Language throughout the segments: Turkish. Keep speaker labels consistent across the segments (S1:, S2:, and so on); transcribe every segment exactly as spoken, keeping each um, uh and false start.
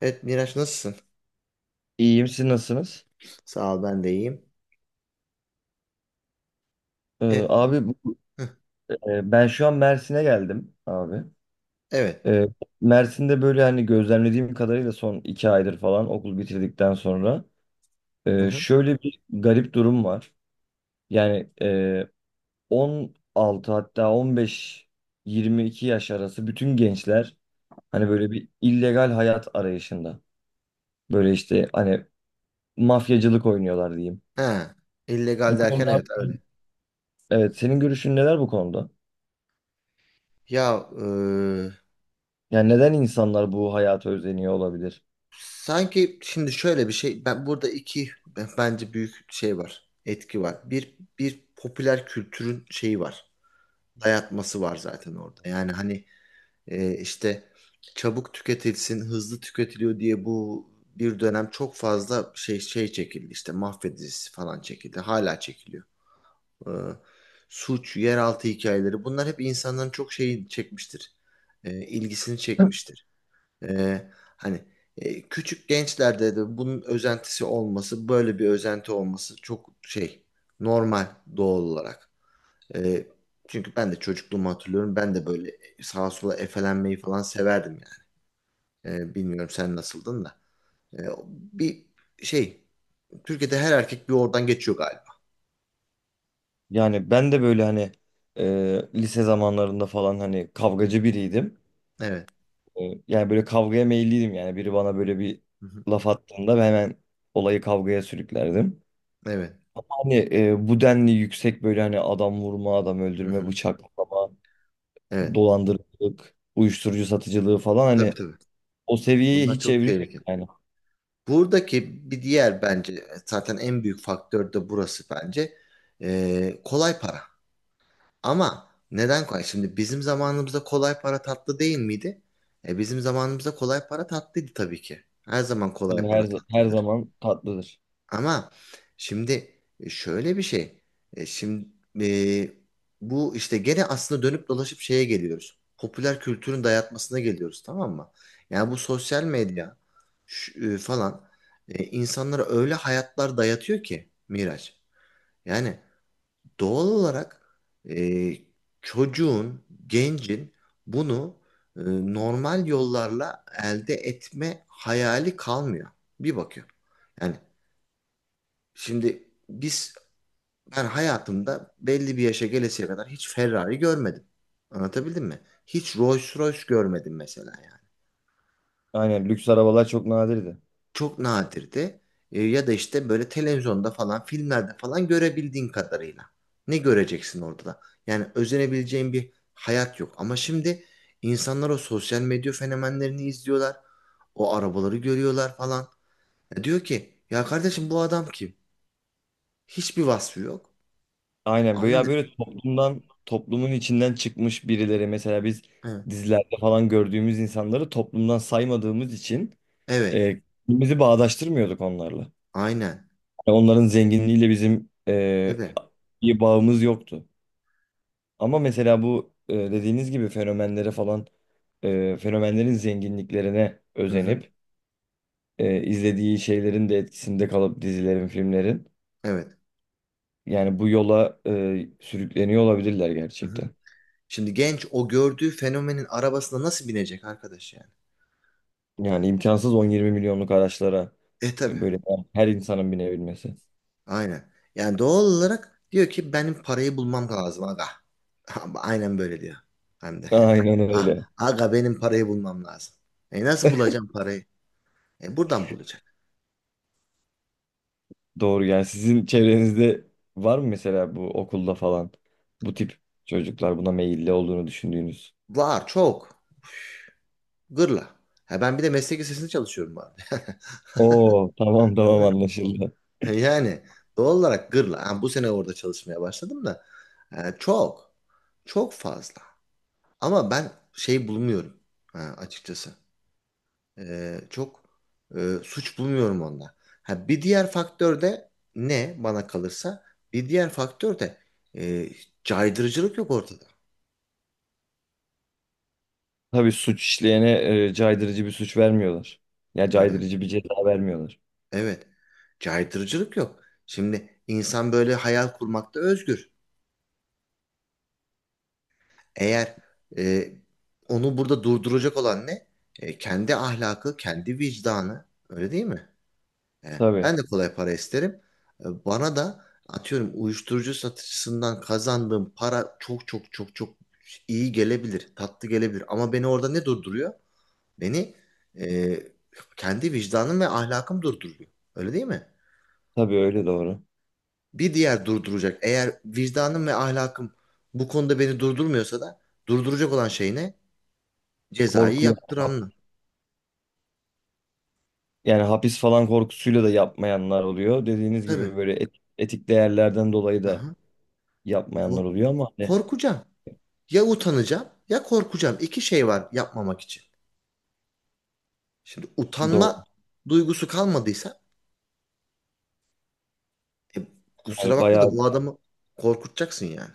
S1: Evet Miraç, nasılsın?
S2: İyiyim, siz nasılsınız?
S1: Sağ ol, ben de iyiyim.
S2: Ee,
S1: Evet.
S2: abi bu-
S1: Hı,
S2: e, Ben şu an Mersin'e geldim abi.
S1: evet.
S2: Ee, Mersin'de böyle hani gözlemlediğim kadarıyla son iki aydır falan okul bitirdikten sonra
S1: Hı
S2: e,
S1: hı.
S2: şöyle bir garip durum var. Yani e, on altı hatta on beş yirmi iki yaş arası bütün gençler hani böyle bir illegal hayat arayışında. Böyle işte hani mafyacılık oynuyorlar diyeyim.
S1: Ha, illegal
S2: Bu
S1: derken,
S2: konuda
S1: evet öyle.
S2: evet senin görüşün neler bu konuda?
S1: Ya e,
S2: Yani neden insanlar bu hayata özeniyor olabilir?
S1: Sanki şimdi şöyle bir şey, ben burada iki b- bence büyük şey var. Etki var. Bir bir popüler kültürün şeyi var. Dayatması var zaten orada. Yani hani e, işte çabuk tüketilsin, hızlı tüketiliyor diye bu bir dönem çok fazla şey şey çekildi. İşte mahvedicisi falan çekildi. Hala çekiliyor. e, Suç, yeraltı hikayeleri, bunlar hep insanların çok şeyi çekmiştir. E, ilgisini çekmiştir. E, hani e, küçük gençlerde de bunun özentisi olması, böyle bir özenti olması çok şey, normal, doğal olarak. E, çünkü ben de çocukluğumu hatırlıyorum. Ben de böyle sağa sola efelenmeyi falan severdim yani. E, bilmiyorum sen nasıldın da. E, bir şey, Türkiye'de her erkek bir oradan geçiyor galiba.
S2: Yani ben de böyle hani e, lise zamanlarında falan hani kavgacı biriydim.
S1: Evet.
S2: E, yani böyle kavgaya meyilliydim yani biri bana böyle bir
S1: Hı hı.
S2: laf attığında ben hemen olayı kavgaya sürüklerdim.
S1: Evet.
S2: Hani e, bu denli yüksek böyle hani adam vurma, adam
S1: Hı
S2: öldürme,
S1: hı.
S2: bıçaklama,
S1: Evet.
S2: dolandırıcılık, uyuşturucu satıcılığı falan
S1: Tabii,
S2: hani
S1: tabii.
S2: o seviyeye
S1: Bunlar
S2: hiç
S1: çok
S2: evrilmedi
S1: tehlikeli.
S2: yani.
S1: Buradaki bir diğer bence zaten en büyük faktör de burası bence. Ee, kolay para. Ama neden kolay? Şimdi bizim zamanımızda kolay para tatlı değil miydi? E, bizim zamanımızda kolay para tatlıydı tabii ki. Her zaman kolay para
S2: Her, her
S1: tatlıdır.
S2: zaman tatlıdır.
S1: Ama şimdi e, şöyle bir şey. E, Şimdi e, bu işte gene aslında dönüp dolaşıp şeye geliyoruz. Popüler kültürün dayatmasına geliyoruz, tamam mı? Yani bu sosyal medya şu- e, falan, e, insanlara öyle hayatlar dayatıyor ki Miraç. Yani doğal olarak, e, çocuğun, gencin bunu e, normal yollarla elde etme hayali kalmıyor. Bir bakıyor. Yani Şimdi biz ben hayatımda belli bir yaşa gelesiye kadar hiç Ferrari görmedim. Anlatabildim mi? Hiç Rolls Royce görmedim mesela yani.
S2: Aynen, lüks arabalar çok nadirdi.
S1: Çok nadirdi. E, ya da işte böyle televizyonda falan, filmlerde falan görebildiğin kadarıyla. Ne göreceksin orada da? Yani özenebileceğin bir hayat yok. Ama şimdi insanlar o sosyal medya fenomenlerini izliyorlar. O arabaları görüyorlar falan. Ya diyor ki ya kardeşim, bu adam kim? Hiçbir vasfı yok.
S2: Aynen, böyle
S1: Ama
S2: ya,
S1: ne?
S2: böyle toplumdan toplumun içinden çıkmış birileri mesela biz
S1: Hı,
S2: dizilerde falan gördüğümüz insanları toplumdan saymadığımız için
S1: evet.
S2: e, bizi bağdaştırmıyorduk onlarla.
S1: Aynen.
S2: Yani onların zenginliğiyle bizim
S1: Değil
S2: e,
S1: mi?
S2: bir bağımız yoktu. Ama mesela bu e, dediğiniz gibi fenomenlere falan e, fenomenlerin zenginliklerine
S1: Hı hı.
S2: özenip e, izlediği şeylerin de etkisinde kalıp dizilerin, filmlerin
S1: Evet.
S2: yani bu yola e, sürükleniyor olabilirler
S1: Hı hı.
S2: gerçekten.
S1: Şimdi genç o gördüğü fenomenin arabasına nasıl binecek arkadaş yani?
S2: Yani imkansız on yirmi milyonluk araçlara
S1: E
S2: e,
S1: tabii.
S2: böyle her insanın binebilmesi.
S1: Aynen. Yani doğal olarak diyor ki benim parayı bulmam lazım aga. Aynen böyle diyor. Hem de.
S2: Aynen
S1: Ah,
S2: öyle.
S1: aga benim parayı bulmam lazım. E nasıl bulacağım parayı? E buradan bulacak.
S2: Doğru, yani sizin çevrenizde var mı mesela bu okulda falan bu tip çocuklar buna meyilli olduğunu düşündüğünüz?
S1: Var çok. Gırla. Ha, ben bir de meslek lisesinde çalışıyorum bu arada.
S2: Oo, tamam tamam, anlaşıldı.
S1: Yani doğal olarak gırla. Ha, bu sene orada çalışmaya başladım da e, çok çok fazla. Ama ben şey bulmuyorum ha, açıkçası. E, çok e, suç bulmuyorum onda. Ha, bir diğer faktör de ne bana kalırsa, bir diğer faktör de e, caydırıcılık yok ortada.
S2: Tabii suç işleyene e, caydırıcı bir suç vermiyorlar. Ya
S1: E,
S2: caydırıcı bir ceza vermiyorlar.
S1: evet, caydırıcılık yok. Şimdi insan böyle hayal kurmakta özgür. Eğer, e, onu burada durduracak olan ne? E, kendi ahlakı, kendi vicdanı. Öyle değil mi? E,
S2: Tabii,
S1: ben de kolay para isterim. E, bana da atıyorum uyuşturucu satıcısından kazandığım para çok çok çok çok iyi gelebilir, tatlı gelebilir. Ama beni orada ne durduruyor? Beni e, kendi vicdanım ve ahlakım durduruyor. Öyle değil mi?
S2: tabii öyle, doğru.
S1: Bir diğer durduracak. Eğer vicdanım ve ahlakım bu konuda beni durdurmuyorsa da durduracak olan şey ne? Cezayı
S2: Korkuya,
S1: yaptıranlar.
S2: yani hapis falan korkusuyla da yapmayanlar oluyor. Dediğiniz
S1: Tabii.
S2: gibi böyle et- etik değerlerden dolayı
S1: Hı
S2: da
S1: hı.
S2: yapmayanlar
S1: Kork-
S2: oluyor ama hani
S1: Korkacağım. Ya utanacağım, ya korkacağım. İki şey var yapmamak için. Şimdi
S2: doğru.
S1: utanma duygusu kalmadıysa, e, kusura
S2: Yani
S1: bakma da bu
S2: bayağı
S1: adamı korkutacaksın yani.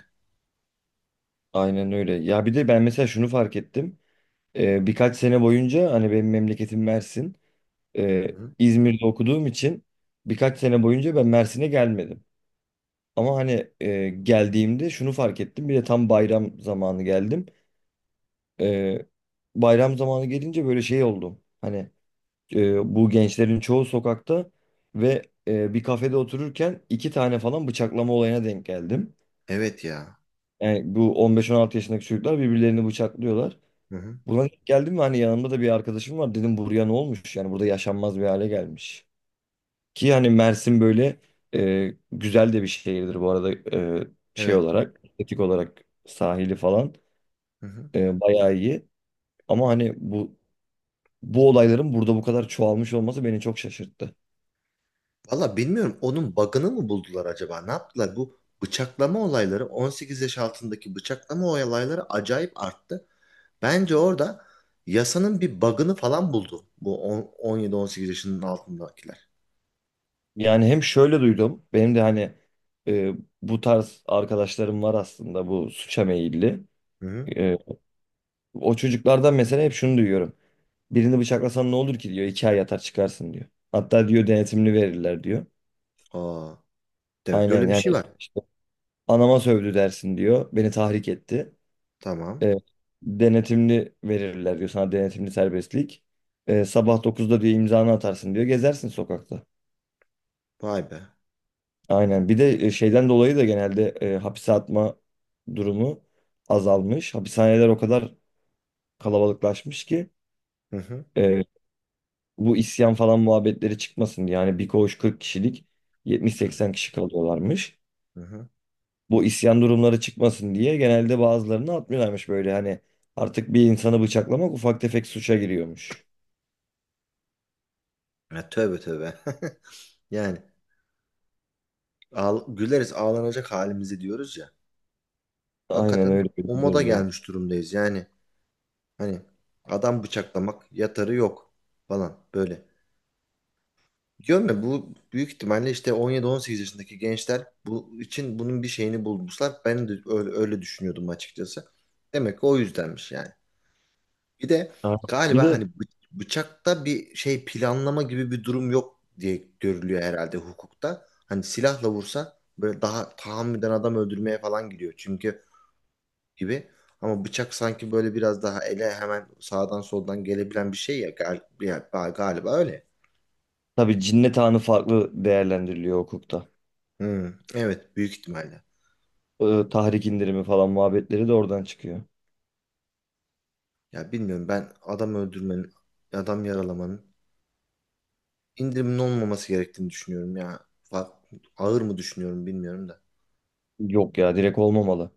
S2: aynen öyle. Ya bir de ben mesela şunu fark ettim. Ee, birkaç sene boyunca hani benim memleketim Mersin. Ee,
S1: Hı.
S2: İzmir'de okuduğum için birkaç sene boyunca ben Mersin'e gelmedim. Ama hani e, geldiğimde şunu fark ettim. Bir de tam bayram zamanı geldim. Ee, Bayram zamanı gelince böyle şey oldum. Hani e, bu gençlerin çoğu sokakta ve e, bir kafede otururken iki tane falan bıçaklama olayına denk geldim.
S1: Evet ya.
S2: Yani bu on beş on altı yaşındaki çocuklar birbirlerini bıçaklıyorlar.
S1: Hı hı.
S2: Buna denk geldim mi hani yanımda da bir arkadaşım var. Dedim, buraya ne olmuş? Yani burada yaşanmaz bir hale gelmiş. Ki hani Mersin böyle e, güzel de bir şehirdir bu arada e, şey
S1: Evet.
S2: olarak, estetik olarak sahili falan
S1: Hı hı.
S2: e, bayağı iyi. Ama hani bu bu olayların burada bu kadar çoğalmış olması beni çok şaşırttı.
S1: Valla bilmiyorum, onun bug'ını mı buldular acaba? Ne yaptılar? Bu bıçaklama olayları, on sekiz yaş altındaki bıçaklama olayları acayip arttı. Bence orada yasanın bir bug'ını falan buldu. Bu on- 17-18 yaşının altındakiler.
S2: Yani hem şöyle duydum. Benim de hani e, bu tarz arkadaşlarım var aslında bu suça meyilli.
S1: Hı hı.
S2: E, O çocuklardan mesela hep şunu duyuyorum. Birini bıçaklasan ne olur ki diyor. İki ay yatar çıkarsın diyor. Hatta diyor, denetimini verirler diyor.
S1: Aa, evet,
S2: Aynen,
S1: böyle bir şey
S2: yani
S1: var.
S2: işte anama sövdü dersin diyor. Beni tahrik etti.
S1: Tamam.
S2: E, Denetimli verirler diyor. Sana denetimli serbestlik. E, sabah dokuzda diyor imzanı atarsın diyor. Gezersin sokakta.
S1: Vay be.
S2: Aynen. Bir de e, şeyden dolayı da genelde e, hapise atma durumu azalmış. Hapishaneler o kadar kalabalıklaşmış ki
S1: Hı hı.
S2: e, bu isyan falan muhabbetleri çıkmasın diye. Yani bir koğuş kırk kişilik yetmiş seksen kişi kalıyorlarmış.
S1: Hı hı.
S2: Bu isyan durumları çıkmasın diye genelde bazılarını atmıyorlarmış böyle hani artık bir insanı bıçaklamak ufak tefek suça giriyormuş.
S1: Ya, tövbe tövbe. Yani ağl- güleriz ağlanacak halimizi diyoruz ya.
S2: Aynen
S1: Hakikaten
S2: öyle
S1: o
S2: bir
S1: moda
S2: durumdayız.
S1: gelmiş durumdayız. Yani hani adam bıçaklamak yatarı yok falan böyle. Diyorum ya, bu büyük ihtimalle işte on yedi on sekiz yaşındaki gençler bu için bunun bir şeyini bulmuşlar. Ben de öyle, öyle düşünüyordum açıkçası. Demek ki o yüzdenmiş yani. Bir de
S2: Ha. Bir
S1: galiba hani
S2: de
S1: bı- bıçakta bir şey planlama gibi bir durum yok diye görülüyor herhalde hukukta. Hani silahla vursa böyle daha tahammüden adam öldürmeye falan gidiyor çünkü, gibi. Ama bıçak sanki böyle biraz daha ele hemen sağdan soldan gelebilen bir şey ya, gal- ya- galiba öyle.
S2: tabii cinnet anı farklı değerlendiriliyor hukukta.
S1: Hmm, evet büyük ihtimalle.
S2: Ee, tahrik indirimi falan muhabbetleri de oradan çıkıyor.
S1: Ya bilmiyorum, ben adam öldürmenin, adam yaralamanın indirimin olmaması gerektiğini düşünüyorum ya. Fa- Ağır mı düşünüyorum bilmiyorum da.
S2: Yok ya, direkt olmamalı.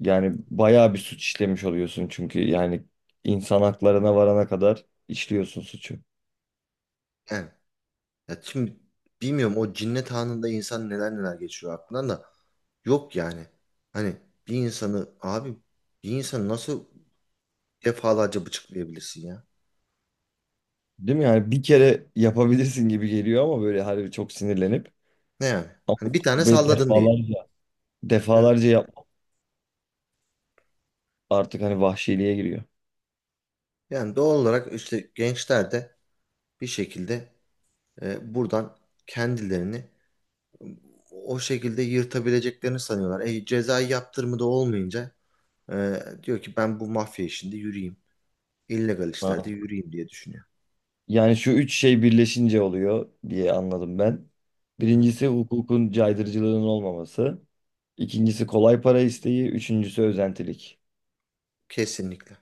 S2: Yani bayağı bir suç işlemiş oluyorsun çünkü yani insan haklarına varana kadar işliyorsun suçu.
S1: Yani ya şimdi bilmiyorum, o cinnet anında insan neler neler geçiyor aklından da, yok yani. Hani bir insanı abi, bir insanı nasıl defalarca bıçaklayabilirsin ya?
S2: Değil mi? Yani bir kere yapabilirsin gibi geliyor ama böyle harbi çok sinirlenip.
S1: Ne yani?
S2: Ama
S1: Hani bir tane
S2: böyle
S1: salladın diye.
S2: defalarca,
S1: Evet.
S2: defalarca yap artık hani vahşiliğe giriyor.
S1: Yani doğal olarak işte gençler de bir şekilde e, buradan kendilerini o şekilde yırtabileceklerini sanıyorlar. E, cezai yaptırımı da olmayınca, e, diyor ki ben bu mafya işinde yürüyeyim. İllegal işlerde
S2: Ha.
S1: yürüyeyim diye düşünüyor.
S2: Yani şu üç şey birleşince oluyor diye anladım ben.
S1: Hı hı.
S2: Birincisi, hukukun caydırıcılığının olmaması. İkincisi, kolay para isteği. Üçüncüsü, özentilik.
S1: Kesinlikle.